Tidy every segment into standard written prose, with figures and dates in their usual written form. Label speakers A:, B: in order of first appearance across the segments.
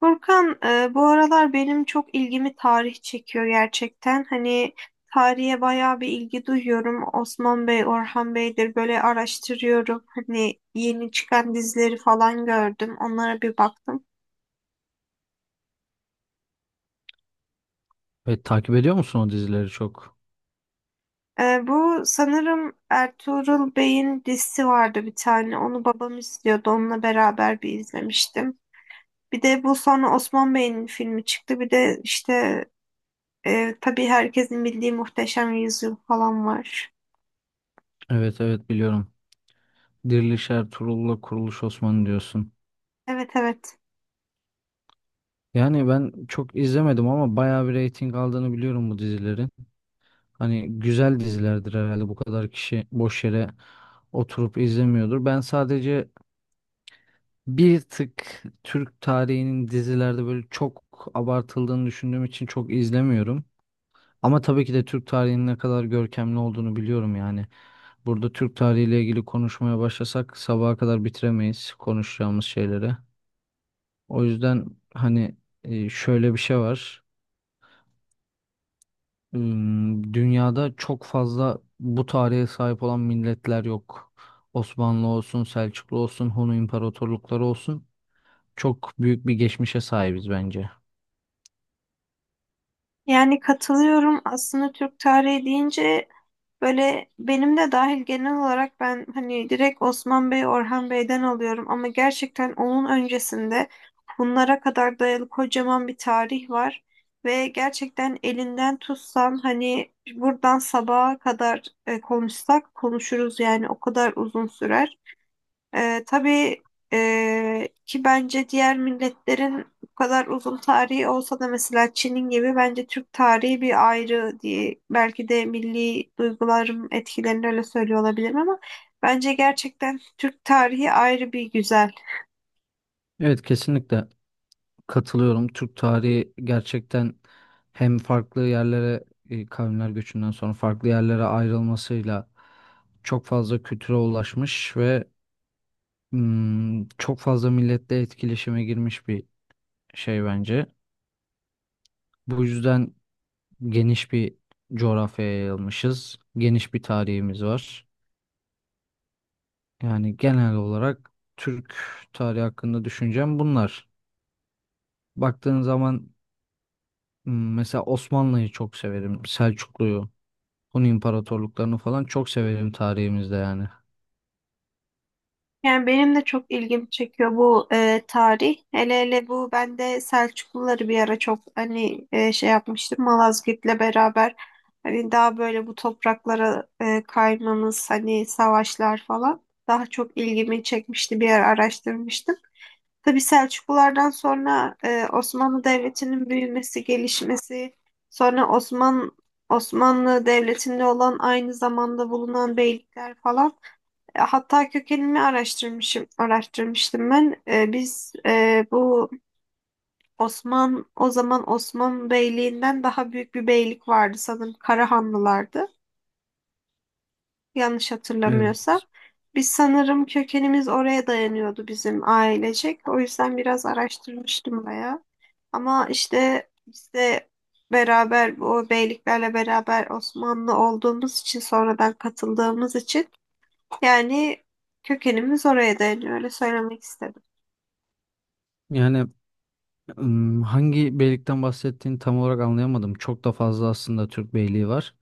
A: Furkan, bu aralar benim çok ilgimi tarih çekiyor gerçekten. Hani tarihe bayağı bir ilgi duyuyorum. Osman Bey, Orhan Bey'dir böyle araştırıyorum. Hani yeni çıkan dizileri falan gördüm. Onlara bir baktım.
B: Evet, takip ediyor musun o dizileri çok?
A: Bu sanırım Ertuğrul Bey'in dizisi vardı bir tane. Onu babam izliyordu. Onunla beraber bir izlemiştim. Bir de bu sonra Osman Bey'in filmi çıktı. Bir de işte tabii herkesin bildiği Muhteşem Yüzyıl falan var.
B: Evet, evet, biliyorum. Diriliş Ertuğrul'la Kuruluş Osman'ı diyorsun.
A: Evet, evet.
B: Yani ben çok izlemedim ama bayağı bir reyting aldığını biliyorum bu dizilerin. Hani güzel dizilerdir herhalde, bu kadar kişi boş yere oturup izlemiyordur. Ben sadece bir tık Türk tarihinin dizilerde böyle çok abartıldığını düşündüğüm için çok izlemiyorum. Ama tabii ki de Türk tarihinin ne kadar görkemli olduğunu biliyorum yani. Burada Türk tarihiyle ilgili konuşmaya başlasak sabaha kadar bitiremeyiz konuşacağımız şeyleri. O yüzden hani şöyle bir şey var. Dünyada çok fazla bu tarihe sahip olan milletler yok. Osmanlı olsun, Selçuklu olsun, Hun imparatorlukları olsun. Çok büyük bir geçmişe sahibiz bence.
A: Yani katılıyorum. Aslında Türk tarihi deyince böyle benim de dahil genel olarak ben hani direkt Osman Bey, Orhan Bey'den alıyorum ama gerçekten onun öncesinde bunlara kadar dayalı kocaman bir tarih var ve gerçekten elinden tutsan hani buradan sabaha kadar konuşsak konuşuruz yani o kadar uzun sürer. Tabii ki bence diğer milletlerin bu kadar uzun tarihi olsa da mesela Çin'in gibi bence Türk tarihi bir ayrı diye belki de milli duygularım etkilerini öyle söylüyor olabilirim ama bence gerçekten Türk tarihi ayrı bir güzel.
B: Evet, kesinlikle. Katılıyorum. Türk tarihi gerçekten hem farklı yerlere kavimler göçünden sonra farklı yerlere ayrılmasıyla çok fazla kültüre ulaşmış ve çok fazla milletle etkileşime girmiş bir şey bence. Bu yüzden geniş bir coğrafyaya yayılmışız. Geniş bir tarihimiz var. Yani genel olarak Türk tarihi hakkında düşüncem bunlar. Baktığın zaman mesela Osmanlı'yı çok severim. Selçuklu'yu. Hun imparatorluklarını falan çok severim tarihimizde yani.
A: Yani benim de çok ilgimi çekiyor bu tarih. Hele hele bu ben de Selçukluları bir ara çok hani şey yapmıştım Malazgirt'le beraber. Hani daha böyle bu topraklara kaymamız hani savaşlar falan daha çok ilgimi çekmişti bir ara araştırmıştım. Tabii Selçuklulardan sonra Osmanlı Devleti'nin büyümesi, gelişmesi, sonra Osmanlı Devleti'nde olan aynı zamanda bulunan beylikler falan. Hatta kökenini araştırmıştım ben. Biz bu Osman, o zaman Osman Beyliğinden daha büyük bir beylik vardı sanırım Karahanlılardı. Yanlış
B: Evet.
A: hatırlamıyorsam. Biz sanırım kökenimiz oraya dayanıyordu bizim ailecek. O yüzden biraz araştırmıştım bayağı. Ama işte biz de beraber bu beyliklerle beraber Osmanlı olduğumuz için sonradan katıldığımız için yani kökenimiz oraya dayanıyor. Öyle söylemek istedim.
B: Yani hangi beylikten bahsettiğini tam olarak anlayamadım. Çok da fazla aslında Türk beyliği var.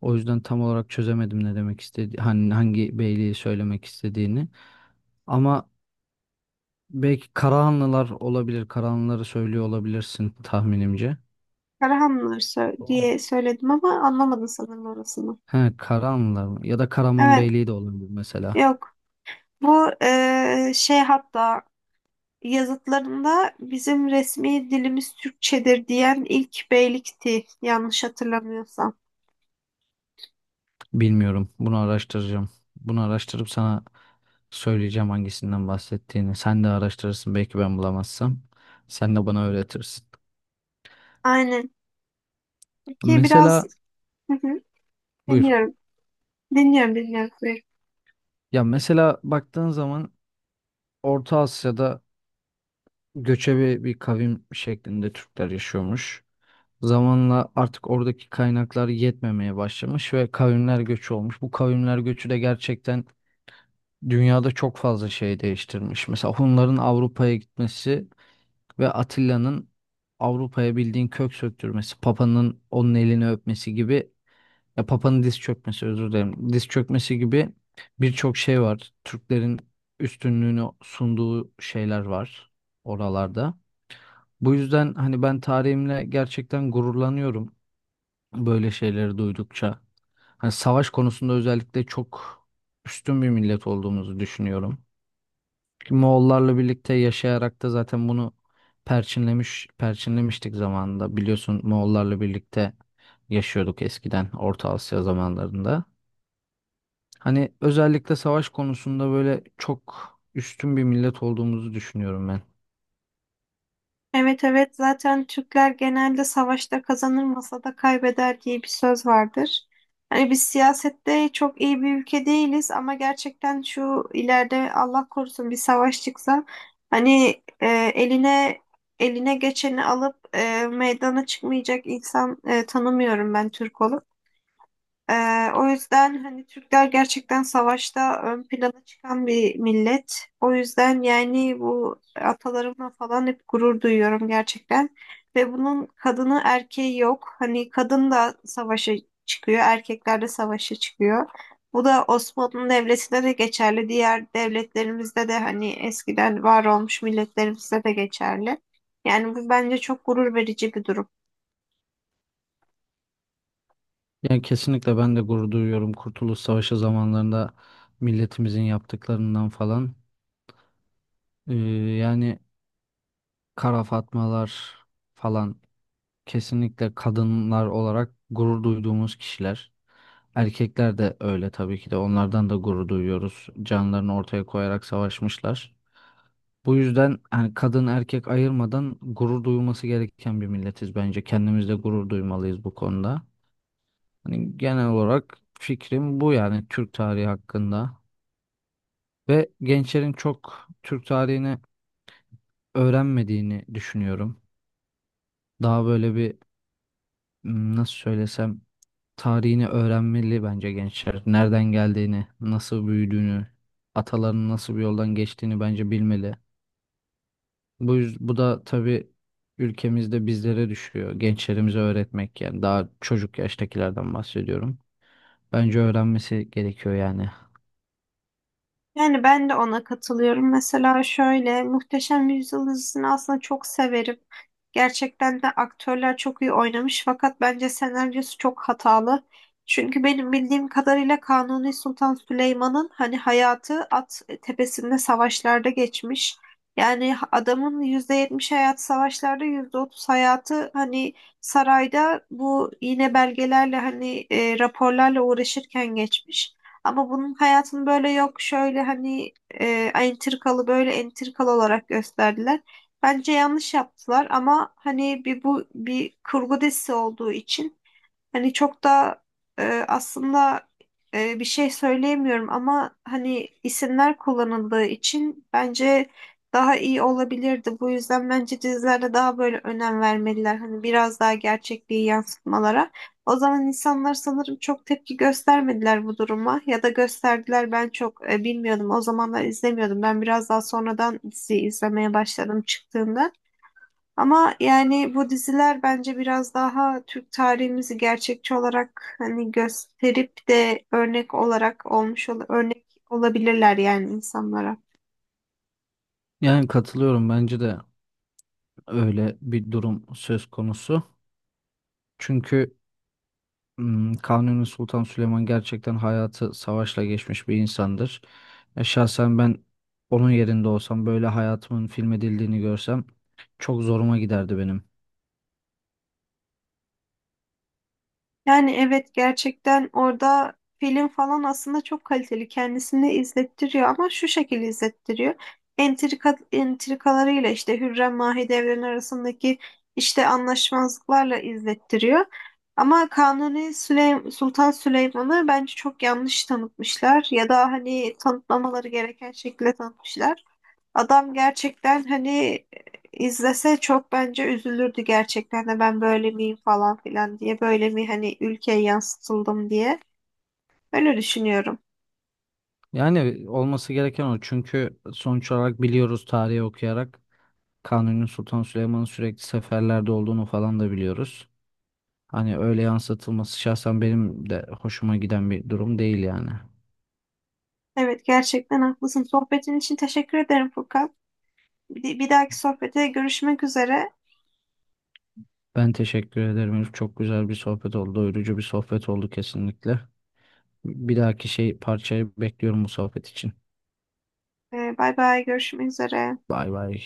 B: O yüzden tam olarak çözemedim ne demek istedi, hani hangi beyliği söylemek istediğini. Ama belki Karahanlılar olabilir. Karahanlıları söylüyor olabilirsin tahminimce.
A: Diye söyledim ama anlamadın sanırım orasını.
B: He, Karahanlılar mı? Ya da Karaman
A: Evet.
B: Beyliği de olabilir mesela.
A: Yok. Bu şey hatta yazıtlarında bizim resmi dilimiz Türkçedir diyen ilk beylikti. Yanlış hatırlamıyorsam.
B: Bilmiyorum. Bunu araştıracağım. Bunu araştırıp sana söyleyeceğim hangisinden bahsettiğini. Sen de araştırırsın belki ben bulamazsam. Sen de bana öğretirsin.
A: Aynen. Peki biraz.
B: Mesela
A: Hı hı,
B: buyur.
A: dinliyorum. Dinliyorum.
B: Ya mesela baktığın zaman Orta Asya'da göçebe bir kavim şeklinde Türkler yaşıyormuş. Zamanla artık oradaki kaynaklar yetmemeye başlamış ve kavimler göçü olmuş. Bu kavimler göçü de gerçekten dünyada çok fazla şey değiştirmiş. Mesela Hunların Avrupa'ya gitmesi ve Atilla'nın Avrupa'ya bildiğin kök söktürmesi, Papa'nın onun elini öpmesi gibi, ya Papa'nın diz çökmesi, özür dilerim. Diz çökmesi gibi birçok şey var. Türklerin üstünlüğünü sunduğu şeyler var oralarda. Bu yüzden hani ben tarihimle gerçekten gururlanıyorum böyle şeyleri duydukça. Hani savaş konusunda özellikle çok üstün bir millet olduğumuzu düşünüyorum. Ki Moğollarla birlikte yaşayarak da zaten bunu perçinlemiştik zamanında. Biliyorsun, Moğollarla birlikte yaşıyorduk eskiden Orta Asya zamanlarında. Hani özellikle savaş konusunda böyle çok üstün bir millet olduğumuzu düşünüyorum ben.
A: Evet, evet, zaten Türkler genelde savaşta kazanır masada kaybeder diye bir söz vardır. Hani biz siyasette çok iyi bir ülke değiliz ama gerçekten şu ileride Allah korusun bir savaş çıksa hani eline eline geçeni alıp meydana çıkmayacak insan tanımıyorum ben Türk olup. O yüzden hani Türkler gerçekten savaşta ön plana çıkan bir millet. O yüzden yani bu atalarımla falan hep gurur duyuyorum gerçekten. Ve bunun kadını erkeği yok. Hani kadın da savaşa çıkıyor, erkekler de savaşa çıkıyor. Bu da Osmanlı Devleti'nde de geçerli. Diğer devletlerimizde de hani eskiden var olmuş milletlerimizde de geçerli. Yani bu bence çok gurur verici bir durum.
B: Yani kesinlikle ben de gurur duyuyorum Kurtuluş Savaşı zamanlarında milletimizin yaptıklarından falan. Ee, yani kara fatmalar falan kesinlikle kadınlar olarak gurur duyduğumuz kişiler. Erkekler de öyle tabii ki de, onlardan da gurur duyuyoruz. Canlarını ortaya koyarak savaşmışlar. Bu yüzden hani kadın erkek ayırmadan gurur duyulması gereken bir milletiz bence. Kendimizde gurur duymalıyız bu konuda. Hani genel olarak fikrim bu yani Türk tarihi hakkında, ve gençlerin çok Türk tarihini öğrenmediğini düşünüyorum. Daha böyle bir, nasıl söylesem, tarihini öğrenmeli bence gençler. Nereden geldiğini, nasıl büyüdüğünü, atalarının nasıl bir yoldan geçtiğini bence bilmeli. Bu da tabii ülkemizde bizlere düşüyor. Gençlerimize öğretmek, yani daha çocuk yaştakilerden bahsediyorum. Bence öğrenmesi gerekiyor yani.
A: Yani ben de ona katılıyorum. Mesela şöyle Muhteşem Yüzyıl dizisini aslında çok severim. Gerçekten de aktörler çok iyi oynamış fakat bence senaryosu çok hatalı. Çünkü benim bildiğim kadarıyla Kanuni Sultan Süleyman'ın hani hayatı at tepesinde savaşlarda geçmiş. Yani adamın %70 hayatı savaşlarda, %30 hayatı hani sarayda bu yine belgelerle hani raporlarla uğraşırken geçmiş. Ama bunun hayatını böyle yok şöyle hani böyle entrikalı olarak gösterdiler. Bence yanlış yaptılar ama hani bu bir kurgu dizisi olduğu için hani çok da aslında bir şey söyleyemiyorum ama hani isimler kullanıldığı için bence daha iyi olabilirdi. Bu yüzden bence dizilerde daha böyle önem vermeliler. Hani biraz daha gerçekliği yansıtmalara. O zaman insanlar sanırım çok tepki göstermediler bu duruma ya da gösterdiler ben çok bilmiyordum. O zamanlar izlemiyordum. Ben biraz daha sonradan diziyi izlemeye başladım çıktığında. Ama yani bu diziler bence biraz daha Türk tarihimizi gerçekçi olarak hani gösterip de örnek olarak olmuş ol örnek olabilirler yani insanlara.
B: Yani katılıyorum, bence de öyle bir durum söz konusu. Çünkü Kanuni Sultan Süleyman gerçekten hayatı savaşla geçmiş bir insandır. Şahsen ben onun yerinde olsam, böyle hayatımın filmedildiğini görsem çok zoruma giderdi benim.
A: Yani evet, gerçekten orada film falan aslında çok kaliteli. Kendisini izlettiriyor ama şu şekilde izlettiriyor. Entrika, entrikalarıyla işte Hürrem Mahidevran arasındaki işte anlaşmazlıklarla izlettiriyor. Ama Kanuni Süleym Sultan Süleyman'ı bence çok yanlış tanıtmışlar ya da hani tanıtmamaları gereken şekilde tanıtmışlar. Adam gerçekten hani izlese çok bence üzülürdü gerçekten de ben böyle miyim falan filan diye böyle mi hani ülkeye yansıtıldım diye öyle düşünüyorum.
B: Yani olması gereken o, çünkü sonuç olarak biliyoruz tarihi okuyarak Kanuni Sultan Süleyman'ın sürekli seferlerde olduğunu falan da biliyoruz. Hani öyle yansıtılması şahsen benim de hoşuma giden bir durum değil yani.
A: Evet, gerçekten haklısın. Sohbetin için teşekkür ederim Furkan. Bir dahaki sohbete görüşmek üzere.
B: Ben teşekkür ederim, Elif. Çok güzel bir sohbet oldu. Doyurucu bir sohbet oldu kesinlikle. Bir dahaki şey parçayı bekliyorum bu sohbet için.
A: Bay bay, görüşmek üzere.
B: Bay bay.